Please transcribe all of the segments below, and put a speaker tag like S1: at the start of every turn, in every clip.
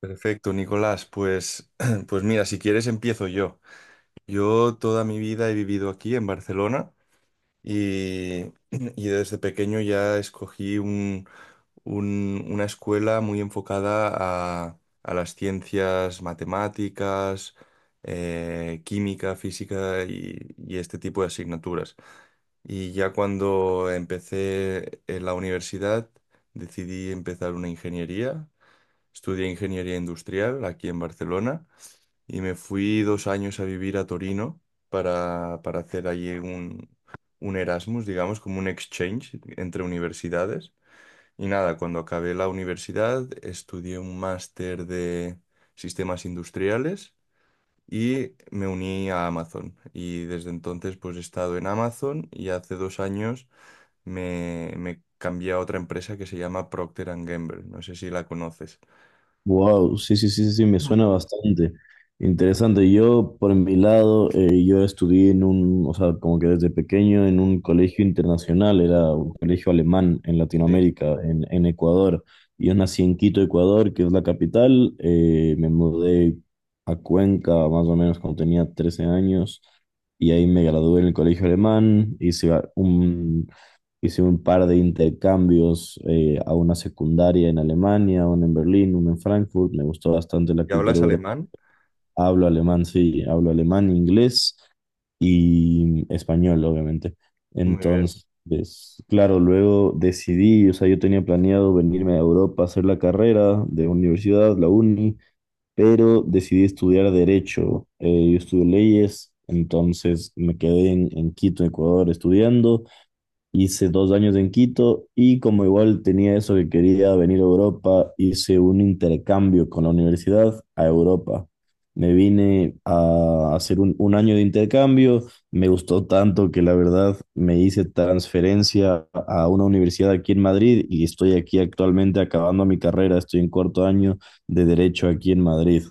S1: Perfecto, Nicolás. Pues mira, si quieres empiezo yo. Yo toda mi vida he vivido aquí en Barcelona y desde pequeño ya escogí una escuela muy enfocada a las ciencias matemáticas, química, física y este tipo de asignaturas. Y ya cuando empecé en la universidad decidí empezar una ingeniería. Estudié ingeniería industrial aquí en Barcelona y me fui dos años a vivir a Torino para hacer allí un Erasmus, digamos, como un exchange entre universidades. Y nada, cuando acabé la universidad estudié un máster de sistemas industriales y me uní a Amazon. Y desde entonces pues he estado en Amazon y hace dos años me cambié a otra empresa que se llama Procter and Gamble. No sé si la conoces.
S2: Wow, sí, sí, sí, sí, sí, me suena bastante interesante. Yo, por mi lado, yo estudié en un, o sea, como que desde pequeño en un colegio internacional, era un colegio alemán en
S1: Sí.
S2: Latinoamérica, en Ecuador. Yo nací en Quito, Ecuador, que es la capital. Me mudé a Cuenca más o menos cuando tenía 13 años y ahí me gradué en el colegio alemán. Hice un par de intercambios a una secundaria en Alemania, una en Berlín, una en Frankfurt. Me gustó bastante la
S1: ¿Y
S2: cultura
S1: hablas
S2: europea.
S1: alemán?
S2: Hablo alemán, sí, hablo alemán, inglés y español, obviamente.
S1: Muy bien.
S2: Entonces, claro, luego decidí, o sea, yo tenía planeado venirme a Europa a hacer la carrera de universidad, la uni, pero decidí estudiar derecho. Yo estudio leyes, entonces me quedé en Quito, Ecuador, estudiando. Hice dos años en Quito y como igual tenía eso que quería venir a Europa, hice un intercambio con la universidad a Europa. Me vine a hacer un año de intercambio, me gustó tanto que la verdad me hice transferencia a una universidad aquí en Madrid y estoy aquí actualmente acabando mi carrera, estoy en cuarto año de derecho aquí en Madrid.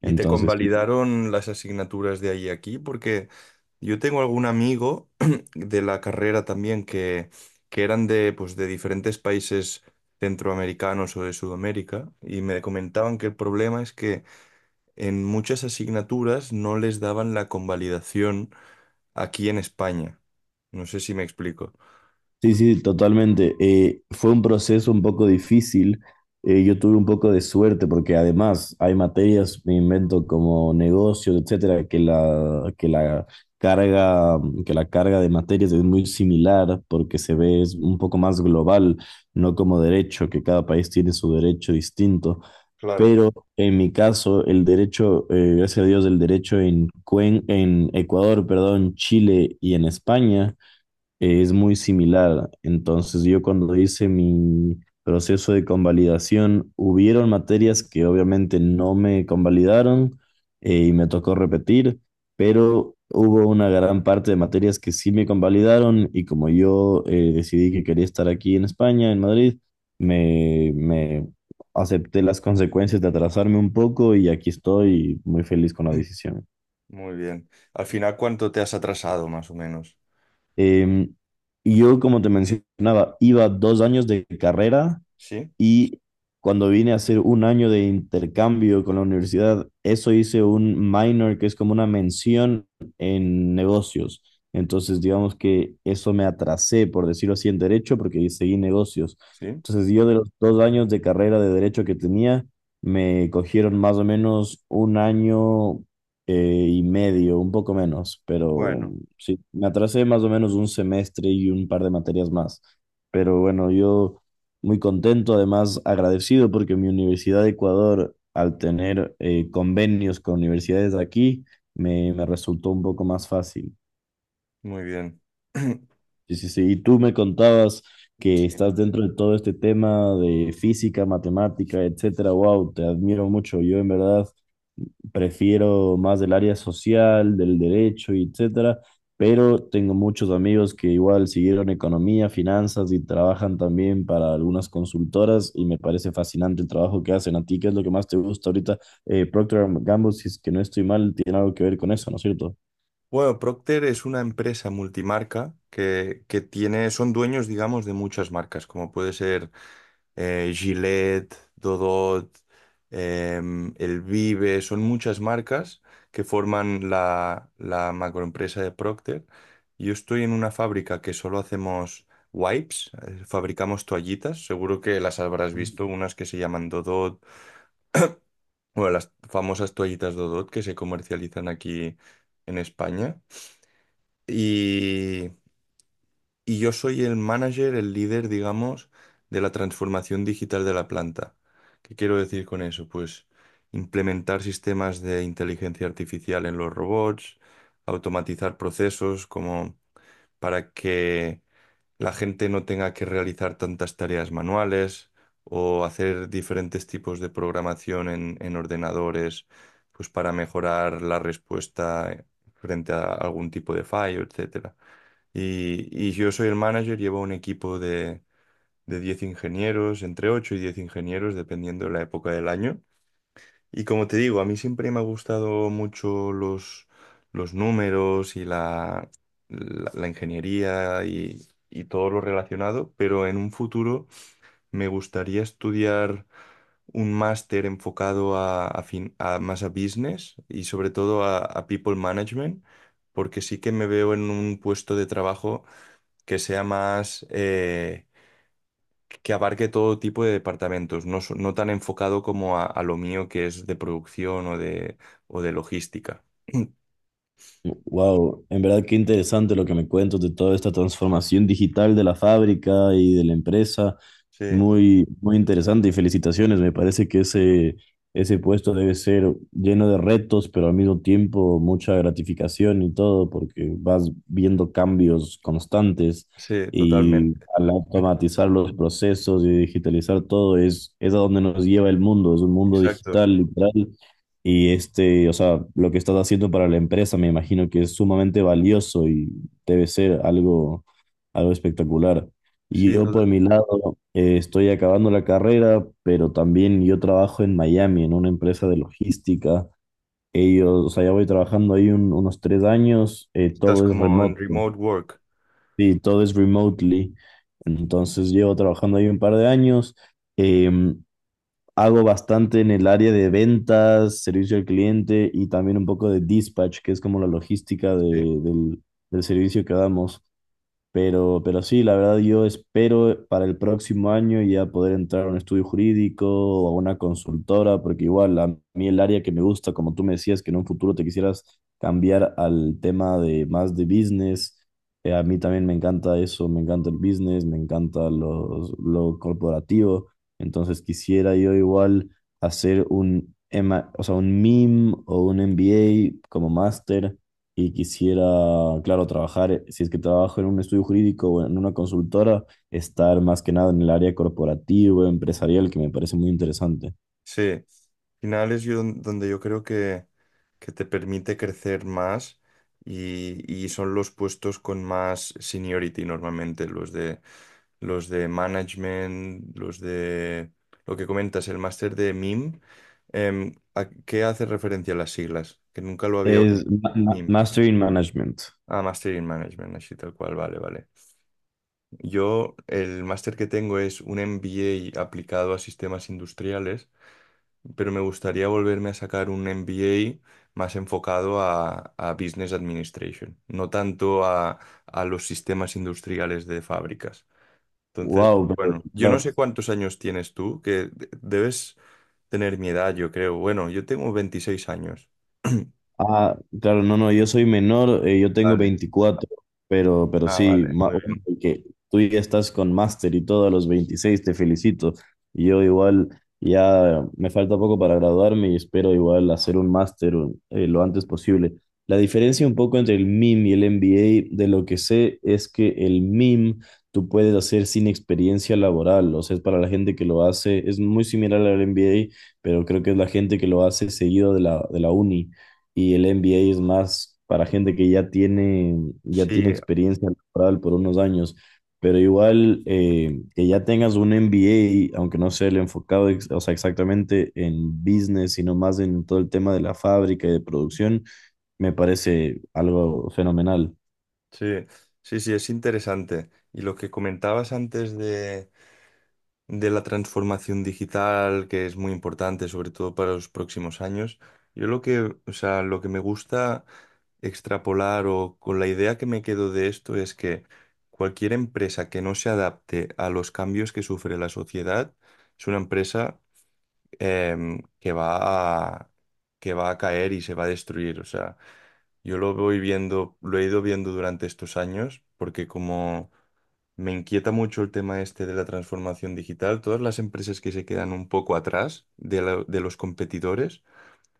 S1: ¿Y te
S2: Entonces,
S1: convalidaron las asignaturas de ahí a aquí? Porque yo tengo algún amigo de la carrera también que eran de, pues, de diferentes países centroamericanos o de Sudamérica y me comentaban que el problema es que en muchas asignaturas no les daban la convalidación aquí en España. No sé si me explico.
S2: sí, sí, totalmente. Fue un proceso un poco difícil. Yo tuve un poco de suerte porque además hay materias, me invento como negocio, etcétera, que la carga de materias es muy similar porque se ve es un poco más global, no como derecho, que cada país tiene su derecho distinto.
S1: Claro.
S2: Pero en mi caso, el derecho, gracias a Dios, el derecho en Ecuador, perdón, Chile y en España es muy similar. Entonces, yo cuando hice mi proceso de convalidación, hubieron materias que obviamente no me convalidaron y me tocó repetir, pero hubo una gran parte de materias que sí me convalidaron y como yo decidí que quería estar aquí en España, en Madrid, me acepté las consecuencias de atrasarme un poco y aquí estoy muy feliz con la decisión.
S1: Muy bien. Al final, ¿cuánto te has atrasado más o menos?
S2: Em, y yo, como te mencionaba, iba dos años de carrera
S1: ¿Sí?
S2: y cuando vine a hacer un año de intercambio con la universidad, eso hice un minor que es como una mención en negocios. Entonces, digamos que eso me atrasé, por decirlo así, en derecho, porque seguí negocios.
S1: ¿Sí?
S2: Entonces, yo de los dos años de carrera de derecho que tenía, me cogieron más o menos un año y medio, un poco menos, pero
S1: Bueno.
S2: sí, me atrasé más o menos un semestre y un par de materias más. Pero bueno, yo... muy contento, además agradecido porque mi Universidad de Ecuador, al tener convenios con universidades de aquí, me resultó un poco más fácil.
S1: Muy bien.
S2: Sí, sí, sí. Y tú me contabas que
S1: Sí.
S2: estás dentro de todo este tema de física, matemática, etcétera. Wow, te admiro mucho. Yo en verdad prefiero más del área social, del derecho, y etcétera. Pero tengo muchos amigos que igual siguieron economía, finanzas y trabajan también para algunas consultoras y me parece fascinante el trabajo que hacen. ¿A ti qué es lo que más te gusta ahorita? Procter and Gamble, si es que no estoy mal, tiene algo que ver con eso, ¿no es cierto?
S1: Bueno, Procter es una empresa multimarca que tiene, son dueños, digamos, de muchas marcas, como puede ser Gillette, Dodot, El Vive, son muchas marcas que forman la, la macroempresa de Procter. Yo estoy en una fábrica que solo hacemos wipes, fabricamos toallitas, seguro que las habrás visto, unas que se llaman Dodot, bueno, las famosas toallitas Dodot que se comercializan aquí en España. Y, y yo soy el manager, el líder, digamos, de la transformación digital de la planta. ¿Qué quiero decir con eso? Pues implementar sistemas de inteligencia artificial en los robots, automatizar procesos como para que la gente no tenga que realizar tantas tareas manuales o hacer diferentes tipos de programación en ordenadores, pues para mejorar la respuesta frente a algún tipo de fallo, etcétera. Y yo soy el manager, llevo un equipo de 10 ingenieros, entre 8 y 10 ingenieros, dependiendo de la época del año. Y como te digo, a mí siempre me ha gustado mucho los números y la ingeniería y todo lo relacionado, pero en un futuro me gustaría estudiar un máster enfocado a más a business y sobre todo a people management, porque sí que me veo en un puesto de trabajo que sea más... que abarque todo tipo de departamentos, no, no tan enfocado como a lo mío que es de producción o de logística.
S2: Wow, en verdad qué interesante lo que me cuentas de toda esta transformación digital de la fábrica y de la empresa.
S1: Sí,
S2: Muy, muy interesante y felicitaciones. Me parece que ese puesto debe ser lleno de retos, pero al mismo tiempo mucha gratificación y todo, porque vas viendo cambios constantes
S1: sí,
S2: y
S1: totalmente.
S2: al automatizar los procesos y digitalizar todo es a donde nos lleva el mundo. Es un mundo
S1: Exacto.
S2: digital, literal y este, o sea, lo que estás haciendo para la empresa me imagino que es sumamente valioso y debe ser algo espectacular. Y
S1: Sí,
S2: yo por mi lado estoy acabando la carrera, pero también yo trabajo en Miami, en una empresa de logística. Ellos, o sea, ya voy trabajando ahí unos 3 años,
S1: estás
S2: todo es
S1: como en
S2: remoto,
S1: remote work.
S2: sí, todo es remotely. Entonces llevo trabajando ahí un par de años. Eh, Hago bastante en el área de ventas, servicio al cliente y también un poco de dispatch, que es como la logística
S1: Sí.
S2: del servicio que damos. Pero sí, la verdad yo espero para el próximo año ya poder entrar a un estudio jurídico o a una consultora, porque igual a mí el área que me gusta, como tú me decías, que en un futuro te quisieras cambiar al tema de más de business, a mí también me encanta eso, me encanta el business, me encanta lo corporativo, entonces quisiera yo igual hacer un MA, o sea, un MIM o un MBA como máster y quisiera, claro, trabajar, si es que trabajo en un estudio jurídico o en una consultora, estar más que nada en el área corporativa, empresarial, que me parece muy interesante.
S1: Sí, al final es yo donde yo creo que te permite crecer más y son los puestos con más seniority normalmente, los de management, los de lo que comentas, el máster de MIM. Em, ¿a qué hace referencia las siglas? Que nunca lo había oído.
S2: Es
S1: MIM.
S2: Master in Management.
S1: Ah, Master in Management, así tal cual, vale, vale. Yo el máster que tengo es un MBA aplicado a sistemas industriales, pero me gustaría volverme a sacar un MBA más enfocado a Business Administration, no tanto a los sistemas industriales de fábricas. Entonces,
S2: Wow, pero
S1: bueno, yo no
S2: claro.
S1: sé cuántos años tienes tú, que debes tener mi edad, yo creo. Bueno, yo tengo 26 años.
S2: Ah, claro, no, no, yo soy menor, yo tengo
S1: Vale.
S2: 24, pero
S1: Ah,
S2: sí,
S1: vale, muy
S2: bueno,
S1: bien.
S2: que tú ya estás con máster y todo a los 26, te felicito. Y yo igual ya me falta poco para graduarme y espero igual hacer un máster lo antes posible. La diferencia un poco entre el MIM y el MBA, de lo que sé, es que el MIM tú puedes hacer sin experiencia laboral, o sea, es para la gente que lo hace, es muy similar al MBA, pero creo que es la gente que lo hace seguido de la uni y el MBA es más para gente que ya tiene
S1: Sí,
S2: experiencia laboral por unos años, pero igual que ya tengas un MBA, aunque no sea el enfocado, o sea, exactamente en business, sino más en todo el tema de la fábrica y de producción, me parece algo fenomenal.
S1: sí, sí, sí, es interesante. Y lo que comentabas antes de la transformación digital, que es muy importante, sobre todo para los próximos años. Yo lo que, o sea, lo que me gusta extrapolar o con la idea que me quedo de esto es que cualquier empresa que no se adapte a los cambios que sufre la sociedad es una empresa que va que va a caer y se va a destruir. O sea, yo lo voy viendo, lo he ido viendo durante estos años, porque como me inquieta mucho el tema este de la transformación digital, todas las empresas que se quedan un poco atrás de los competidores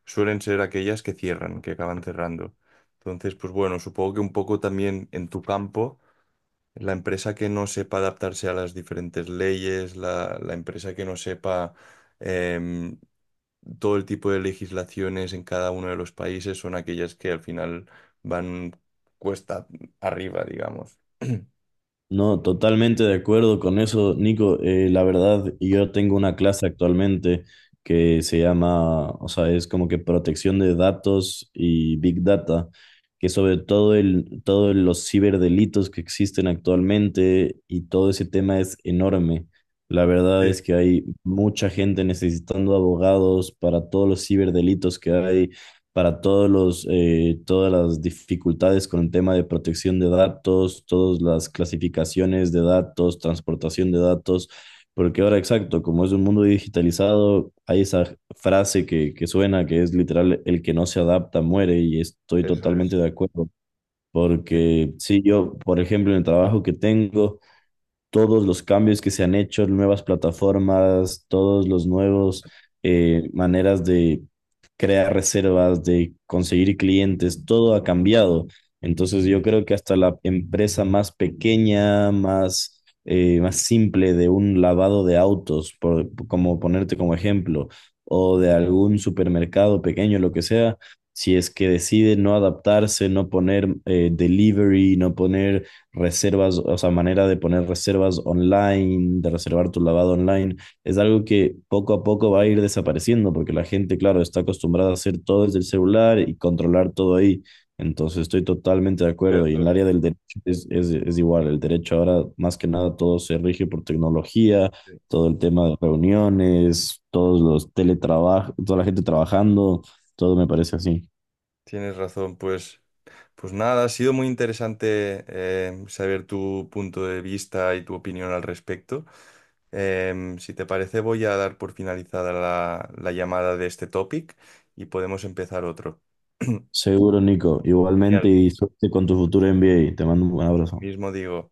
S1: suelen ser aquellas que cierran, que acaban cerrando. Entonces, pues bueno, supongo que un poco también en tu campo. La empresa que no sepa adaptarse a las diferentes leyes, la empresa que no sepa em, todo el tipo de legislaciones en cada uno de los países son aquellas que al final van cuesta arriba, digamos.
S2: No, totalmente de acuerdo con eso, Nico. La verdad, yo tengo una clase actualmente que se llama, o sea, es como que protección de datos y Big Data, que sobre todo todos los ciberdelitos que existen actualmente y todo ese tema es enorme. La verdad es
S1: Sí,
S2: que hay mucha gente necesitando abogados para todos los ciberdelitos que hay para todos todas las dificultades con el tema de protección de datos, todas las clasificaciones de datos, transportación de datos, porque ahora exacto, como es un mundo digitalizado, hay esa frase que suena, que es literal, el que no se adapta muere, y estoy
S1: eso
S2: totalmente
S1: es,
S2: de acuerdo,
S1: sí,
S2: porque si yo, por ejemplo, en el trabajo que tengo, todos los cambios que se han hecho, nuevas plataformas, todos los nuevos maneras de crear reservas, de conseguir clientes, todo ha cambiado. Entonces yo creo que hasta la empresa más pequeña, más simple de un lavado de autos, por, como ponerte como ejemplo, o de algún supermercado pequeño, lo que sea, si es que decide no adaptarse, no poner delivery, no poner reservas, o sea, manera de poner reservas online, de reservar tu lavado online, es algo que poco a poco va a ir desapareciendo porque la gente, claro, está acostumbrada a hacer todo desde el celular y controlar todo ahí. Entonces estoy totalmente de acuerdo y en el
S1: cierto.
S2: área del derecho es igual, el derecho ahora más que nada todo se rige por tecnología,
S1: Sí.
S2: todo el tema de reuniones, todos los teletrabajos, toda la gente trabajando, todo me parece así.
S1: Tienes razón, pues, pues nada, ha sido muy interesante saber tu punto de vista y tu opinión al respecto. Em, si te parece, voy a dar por finalizada la, la llamada de este topic y podemos empezar otro.
S2: Seguro, Nico. Igualmente
S1: Genial,
S2: y suerte con tu futuro MBA. Te mando un
S1: lo
S2: abrazo.
S1: mismo digo.